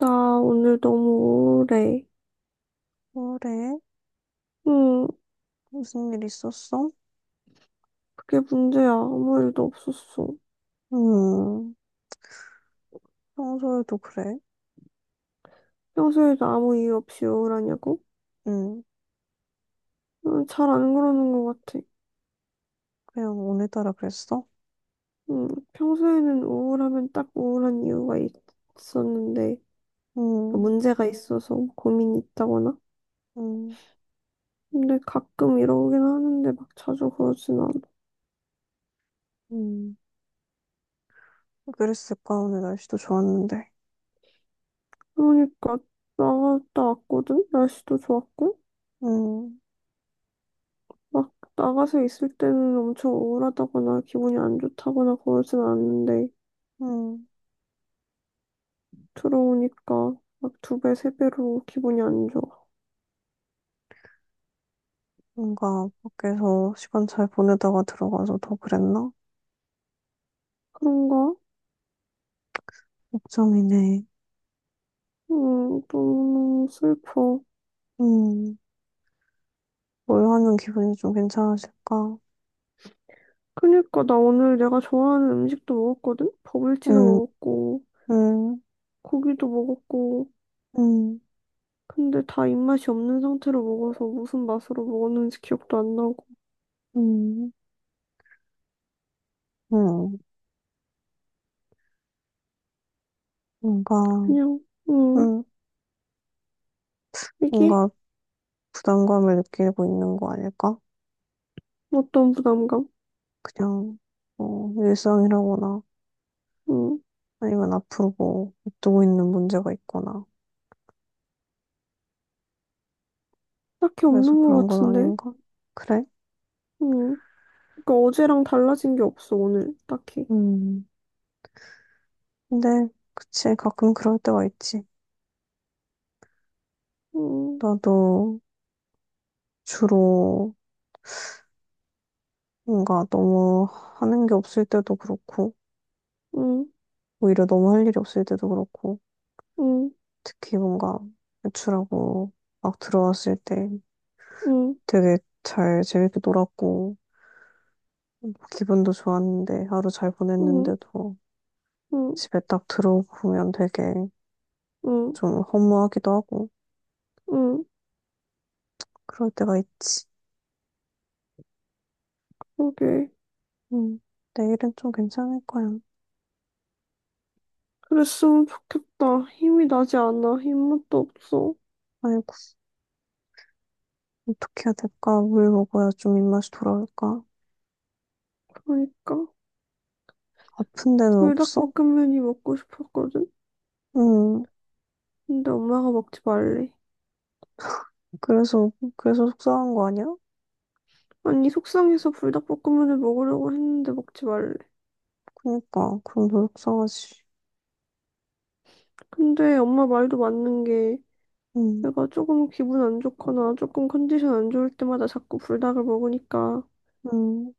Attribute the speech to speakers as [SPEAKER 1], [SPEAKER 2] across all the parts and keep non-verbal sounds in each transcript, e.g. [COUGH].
[SPEAKER 1] 나 오늘 너무 우울해.
[SPEAKER 2] 그래?
[SPEAKER 1] 응,
[SPEAKER 2] 무슨 일 있었어?
[SPEAKER 1] 그게 문제야. 아무 일도 없었어.
[SPEAKER 2] 음, 평소에도 그래?
[SPEAKER 1] 평소에도 아무 이유 없이 우울하냐고?
[SPEAKER 2] 음,
[SPEAKER 1] 응, 잘 안 그러는 것 같아.
[SPEAKER 2] 그냥 오늘따라 그랬어?
[SPEAKER 1] 응, 평소에는 우울하면 딱 우울한 이유가 있었는데, 그
[SPEAKER 2] 음,
[SPEAKER 1] 문제가 있어서 고민이 있다거나?
[SPEAKER 2] 음,
[SPEAKER 1] 근데 가끔 이러긴 하는데 막 자주 그러진 않아.
[SPEAKER 2] 음. 그랬을까? 오늘 날씨도 좋았는데.
[SPEAKER 1] 그러니까 나갔다 왔거든? 날씨도 좋았고?
[SPEAKER 2] 음,
[SPEAKER 1] 막 나가서 있을 때는 엄청 우울하다거나 기분이 안 좋다거나 그러진 않는데,
[SPEAKER 2] 음.
[SPEAKER 1] 들어오니까 막 두 배, 세 배로 기분이 안 좋아.
[SPEAKER 2] 뭔가 밖에서 시간 잘 보내다가 들어가서 더 그랬나?
[SPEAKER 1] 그런가?
[SPEAKER 2] 걱정이네.
[SPEAKER 1] 너무 슬퍼.
[SPEAKER 2] 음, 뭘 하면 기분이 좀 괜찮아질까?
[SPEAKER 1] 그니까 나 오늘 내가 좋아하는 음식도 먹었거든? 버블티도
[SPEAKER 2] 음,
[SPEAKER 1] 먹었고,
[SPEAKER 2] 음,
[SPEAKER 1] 고기도 먹었고.
[SPEAKER 2] 음,
[SPEAKER 1] 근데 다 입맛이 없는 상태로 먹어서 무슨 맛으로 먹었는지 기억도 안 나고.
[SPEAKER 2] 음, 음. 뭔가,
[SPEAKER 1] 그냥, 음,
[SPEAKER 2] 음,
[SPEAKER 1] 이게
[SPEAKER 2] 뭔가 부담감을 느끼고 있는 거 아닐까?
[SPEAKER 1] 어떤 부담감?
[SPEAKER 2] 그냥 뭐 일상이라거나
[SPEAKER 1] 음,
[SPEAKER 2] 아니면 앞으로 뭐 앞두고 있는 문제가 있거나
[SPEAKER 1] 딱히
[SPEAKER 2] 그래서
[SPEAKER 1] 없는
[SPEAKER 2] 그런
[SPEAKER 1] 것
[SPEAKER 2] 건
[SPEAKER 1] 같은데?
[SPEAKER 2] 아닌가? 그래?
[SPEAKER 1] 음, 그니까 어제랑 달라진 게 없어, 오늘. 딱히.
[SPEAKER 2] 음. 근데 그치 가끔 그럴 때가 있지.
[SPEAKER 1] 음,
[SPEAKER 2] 나도 주로 뭔가 너무 하는 게 없을 때도 그렇고
[SPEAKER 1] 음,
[SPEAKER 2] 오히려 너무 할 일이 없을 때도 그렇고
[SPEAKER 1] 음,
[SPEAKER 2] 특히 뭔가 외출하고 막 들어왔을 때
[SPEAKER 1] 음,
[SPEAKER 2] 되게 잘 재밌게 놀았고 기분도 좋았는데 하루 잘
[SPEAKER 1] 음.
[SPEAKER 2] 보냈는데도
[SPEAKER 1] 음.
[SPEAKER 2] 집에 딱 들어오면 되게
[SPEAKER 1] 응,
[SPEAKER 2] 좀 허무하기도 하고
[SPEAKER 1] 응,
[SPEAKER 2] 그럴 때가 있지.
[SPEAKER 1] 오케이.
[SPEAKER 2] 음, 내일은 좀 괜찮을 거야.
[SPEAKER 1] 그랬으면 좋겠다. 힘이 나지 않아. 힘맛도 없어.
[SPEAKER 2] 아이고, 어떻게 해야 될까? 물 먹어야 좀 입맛이 돌아올까?
[SPEAKER 1] 그러니까.
[SPEAKER 2] 아픈 데는 없어?
[SPEAKER 1] 불닭볶음면이 먹고 싶었거든?
[SPEAKER 2] 음,
[SPEAKER 1] 근데 엄마가 먹지 말래.
[SPEAKER 2] 그래서, 그래서 속상한 거 아니야?
[SPEAKER 1] 아니, 속상해서 불닭볶음면을 먹으려고 했는데 먹지 말래.
[SPEAKER 2] 그니까, 그럼 더 속상하지.
[SPEAKER 1] 근데 엄마 말도 맞는 게
[SPEAKER 2] 음,
[SPEAKER 1] 내가 조금 기분 안 좋거나 조금 컨디션 안 좋을 때마다 자꾸 불닭을 먹으니까
[SPEAKER 2] 음,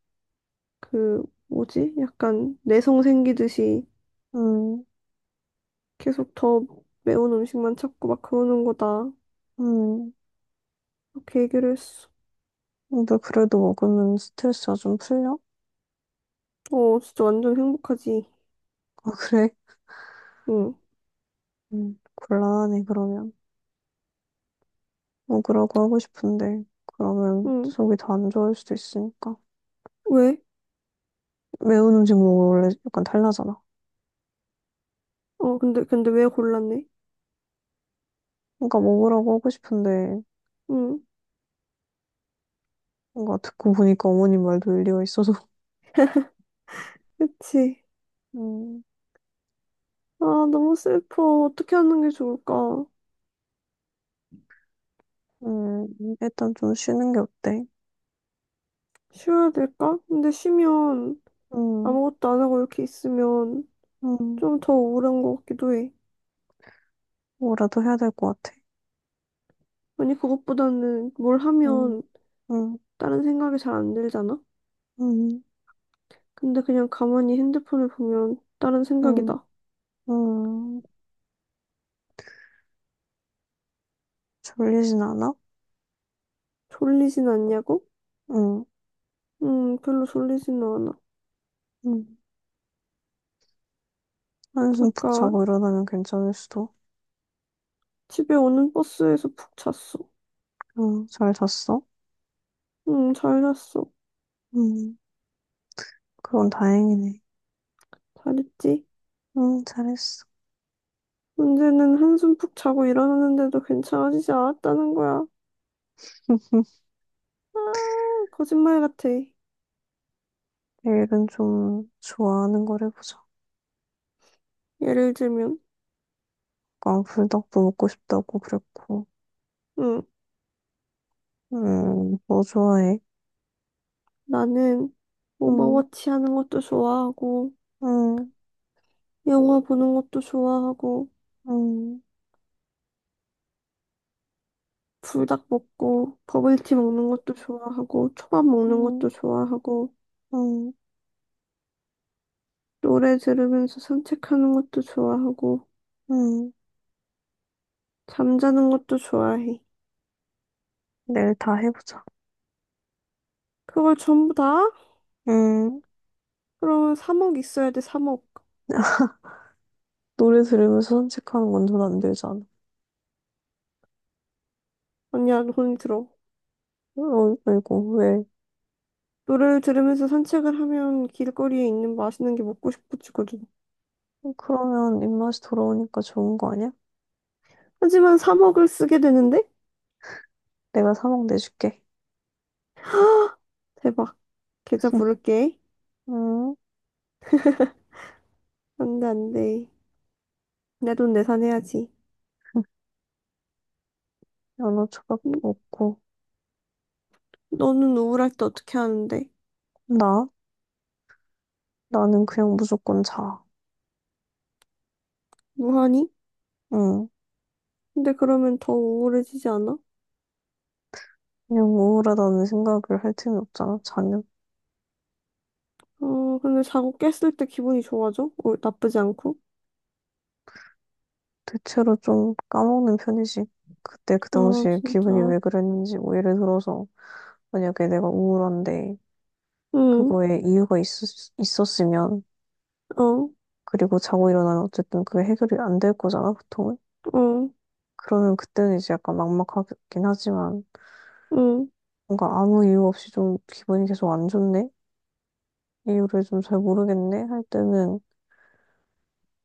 [SPEAKER 1] 그 뭐지? 약간 내성 생기듯이
[SPEAKER 2] 음,
[SPEAKER 1] 계속 더 매운 음식만 찾고 막 그러는 거다.
[SPEAKER 2] 음.
[SPEAKER 1] 그렇게 얘기를 했어.
[SPEAKER 2] 근데 그래도 먹으면 스트레스가 좀 풀려?
[SPEAKER 1] 어, 진짜 완전 행복하지.
[SPEAKER 2] 아, 그래?
[SPEAKER 1] 응,
[SPEAKER 2] 곤란하네, 그러면. 뭐 그러고 하고 싶은데 그러면
[SPEAKER 1] 응.
[SPEAKER 2] 속이 더 안 좋을 수도 있으니까
[SPEAKER 1] 왜?
[SPEAKER 2] 매운 음식 먹으면 원래 약간 탈나잖아.
[SPEAKER 1] 어, 근데 왜 골랐네?
[SPEAKER 2] 그러니까 먹으라고 하고 싶은데
[SPEAKER 1] 응,
[SPEAKER 2] 뭔가 듣고 보니까 어머님 말도 일리가 있어서 [LAUGHS]
[SPEAKER 1] 그치.
[SPEAKER 2] 음,
[SPEAKER 1] 아, 너무 슬퍼. 어떻게 하는 게 좋을까?
[SPEAKER 2] 음, 일단 좀 쉬는 게 어때?
[SPEAKER 1] 쉬어야 될까? 근데 쉬면
[SPEAKER 2] 음,
[SPEAKER 1] 아무것도 안 하고 이렇게 있으면
[SPEAKER 2] 음,
[SPEAKER 1] 좀 더 우울한 것 같기도 해.
[SPEAKER 2] 뭐라도 해야 될 것 같아.
[SPEAKER 1] 아니, 그것보다는 뭘
[SPEAKER 2] 음,
[SPEAKER 1] 하면
[SPEAKER 2] 음,
[SPEAKER 1] 다른 생각이 잘 안 들잖아?
[SPEAKER 2] 음,
[SPEAKER 1] 근데 그냥 가만히 핸드폰을 보면 다른
[SPEAKER 2] 음,
[SPEAKER 1] 생각이다.
[SPEAKER 2] 음, 졸리진 않아?
[SPEAKER 1] 졸리진 않냐고?
[SPEAKER 2] 응.
[SPEAKER 1] 별로 졸리지는 않아.
[SPEAKER 2] 응. 한숨 푹
[SPEAKER 1] 아까
[SPEAKER 2] 자고 일어나면 괜찮을 수도.
[SPEAKER 1] 집에 오는 버스에서 푹 잤어.
[SPEAKER 2] 응, 잘 잤어?
[SPEAKER 1] 응, 잘 잤어.
[SPEAKER 2] 응. 그건 다행이네.
[SPEAKER 1] 잘했지?
[SPEAKER 2] 응, 잘했어.
[SPEAKER 1] 문제는 한숨 푹 자고 일어났는데도 괜찮아지지 않았다는 거야.
[SPEAKER 2] [LAUGHS]
[SPEAKER 1] 아, 거짓말 같아.
[SPEAKER 2] 내일은 좀 좋아하는 걸 해보자.
[SPEAKER 1] 예를 들면,
[SPEAKER 2] 아까 불닭도 먹고 싶다고 그랬고.
[SPEAKER 1] 응,
[SPEAKER 2] 뭐 좋아해?
[SPEAKER 1] 나는
[SPEAKER 2] 음,
[SPEAKER 1] 오버워치 하는 것도 좋아하고,
[SPEAKER 2] 음,
[SPEAKER 1] 영화 보는 것도 좋아하고,
[SPEAKER 2] 음,
[SPEAKER 1] 불닭 먹고, 버블티
[SPEAKER 2] 음,
[SPEAKER 1] 먹는 것도 좋아하고, 초밥 먹는
[SPEAKER 2] 음,
[SPEAKER 1] 것도 좋아하고,
[SPEAKER 2] 음,
[SPEAKER 1] 노래 들으면서 산책하는 것도 좋아하고,
[SPEAKER 2] 음.
[SPEAKER 1] 잠자는 것도 좋아해.
[SPEAKER 2] 내일 다 해보자.
[SPEAKER 1] 그걸 전부 다?
[SPEAKER 2] 음,
[SPEAKER 1] 그러면 3억 있어야 돼, 3억.
[SPEAKER 2] [LAUGHS] 노래 들으면서 산책하는 건 전 안 되잖아.
[SPEAKER 1] 아니야, 돈이 들어.
[SPEAKER 2] 어, 이거 왜?
[SPEAKER 1] 노래를 들으면서 산책을 하면 길거리에 있는 맛있는 게 먹고 싶어지거든.
[SPEAKER 2] 그러면 입맛이 돌아오니까 좋은 거 아니야?
[SPEAKER 1] 하지만 사 먹을 쓰게 되는데?
[SPEAKER 2] 내가 사먹 내줄게.
[SPEAKER 1] 헉, 대박. 계좌 부를게.
[SPEAKER 2] 음,
[SPEAKER 1] 안 돼, 안 돼. 내 돈 내산해야지.
[SPEAKER 2] [LAUGHS] 연어 초밥도
[SPEAKER 1] 응?
[SPEAKER 2] 먹고.
[SPEAKER 1] 너는 우울할 때 어떻게 하는데?
[SPEAKER 2] 나? 나는 그냥 무조건 자.
[SPEAKER 1] 뭐 하니?
[SPEAKER 2] 응.
[SPEAKER 1] 근데 그러면 더 우울해지지 않아?
[SPEAKER 2] 그냥 우울하다는 생각을 할 틈이 없잖아, 자면.
[SPEAKER 1] 어, 근데 자고 깼을 때 기분이 좋아져? 어, 나쁘지 않고?
[SPEAKER 2] 대체로 좀 까먹는 편이지. 그때 그
[SPEAKER 1] 아,
[SPEAKER 2] 당시에
[SPEAKER 1] 진짜.
[SPEAKER 2] 기분이 왜 그랬는지, 뭐 예를 들어서, 만약에 내가 우울한데,
[SPEAKER 1] 응,
[SPEAKER 2] 그거에 이유가 있었으면,
[SPEAKER 1] 어, 어,
[SPEAKER 2] 그리고 자고 일어나면 어쨌든 그게 해결이 안 될 거잖아, 보통은. 그러면 그때는 이제 약간 막막하긴 하지만,
[SPEAKER 1] 응,
[SPEAKER 2] 뭔가 아무 이유 없이 좀 기분이 계속 안 좋네? 이유를 좀 잘 모르겠네? 할 때는,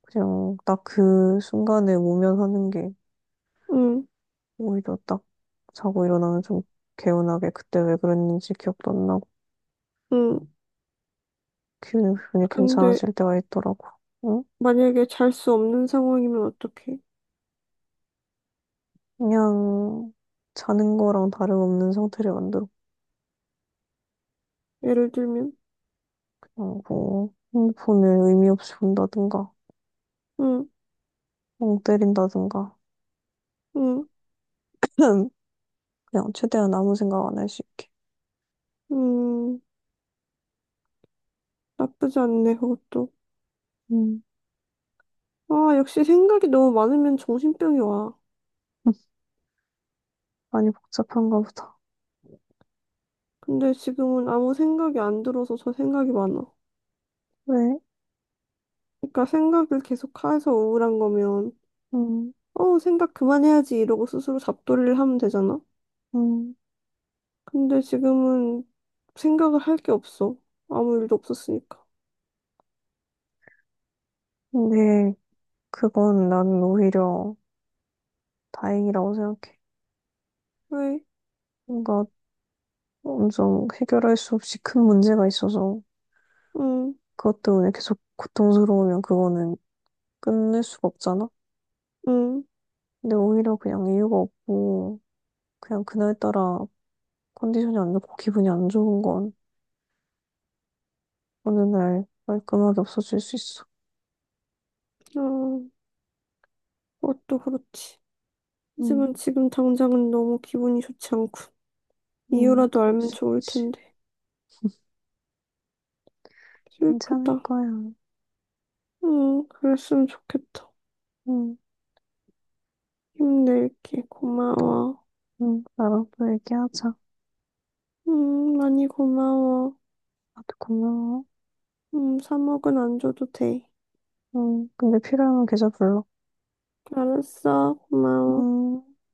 [SPEAKER 2] 그냥 딱 그 순간에 모면하는 게
[SPEAKER 1] 응,
[SPEAKER 2] 오히려 딱 자고 일어나면 좀 개운하게 그때 왜 그랬는지 기억도 안 나고
[SPEAKER 1] 응.
[SPEAKER 2] 기분이
[SPEAKER 1] 근데
[SPEAKER 2] 괜찮아질 때가 있더라고. 응?
[SPEAKER 1] 만약에 잘 수 없는 상황이면 어떡해?
[SPEAKER 2] 그냥 자는 거랑 다름없는 상태를 만들어.
[SPEAKER 1] 예를 들면,
[SPEAKER 2] 고뭐 핸드폰을 의미 없이 본다든가
[SPEAKER 1] 응,
[SPEAKER 2] 멍 때린다든가
[SPEAKER 1] 응,
[SPEAKER 2] [CLEARS THROAT] 그냥 최대한 아무 생각 안 할 수 있게.
[SPEAKER 1] 응, 나쁘지 않네, 그것도.
[SPEAKER 2] 음.
[SPEAKER 1] 아, 역시 생각이 너무 많으면 정신병이 와.
[SPEAKER 2] [LAUGHS] 많이 복잡한가 보다.
[SPEAKER 1] 근데 지금은 아무 생각이 안 들어서 저 생각이 많아.
[SPEAKER 2] 왜?
[SPEAKER 1] 그러니까 생각을 계속 해서 우울한 거면,
[SPEAKER 2] 음,
[SPEAKER 1] 어, 생각 그만해야지 이러고 스스로 잡돌이를 하면 되잖아.
[SPEAKER 2] 음.
[SPEAKER 1] 근데 지금은 생각을 할 게 없어. 아무 일도 없었으니까.
[SPEAKER 2] 근데 그건 나는 오히려 다행이라고 생각해.
[SPEAKER 1] 왜?
[SPEAKER 2] 뭔가 엄청 해결할 수 없이 큰 문제가 있어서
[SPEAKER 1] 응,
[SPEAKER 2] 그것 때문에 계속 고통스러우면 그거는 끝낼 수가 없잖아.
[SPEAKER 1] 응,
[SPEAKER 2] 근데 오히려 그냥 이유가 없고 그냥 그날따라 컨디션이 안 좋고 기분이 안 좋은 건 어느 날 깔끔하게 없어질 수 있어.
[SPEAKER 1] 어, 그것도 그렇지.
[SPEAKER 2] 응,
[SPEAKER 1] 하지만 지금 당장은 너무 기분이 좋지 않고.
[SPEAKER 2] 응,
[SPEAKER 1] 이유라도
[SPEAKER 2] 그럴
[SPEAKER 1] 알면
[SPEAKER 2] 수
[SPEAKER 1] 좋을
[SPEAKER 2] 있지.
[SPEAKER 1] 텐데.
[SPEAKER 2] 괜찮을
[SPEAKER 1] 슬프다.
[SPEAKER 2] 거야.
[SPEAKER 1] 응, 그랬으면 좋겠다.
[SPEAKER 2] 응,
[SPEAKER 1] 힘낼게. 고마워.
[SPEAKER 2] 응, 나랑 또 얘기하자.
[SPEAKER 1] 응, 많이 고마워.
[SPEAKER 2] 나도 고마워.
[SPEAKER 1] 응, 사먹은 안 줘도 돼.
[SPEAKER 2] 응, 근데 필요하면 계좌 불러.
[SPEAKER 1] 알았어. 고마워.
[SPEAKER 2] 응.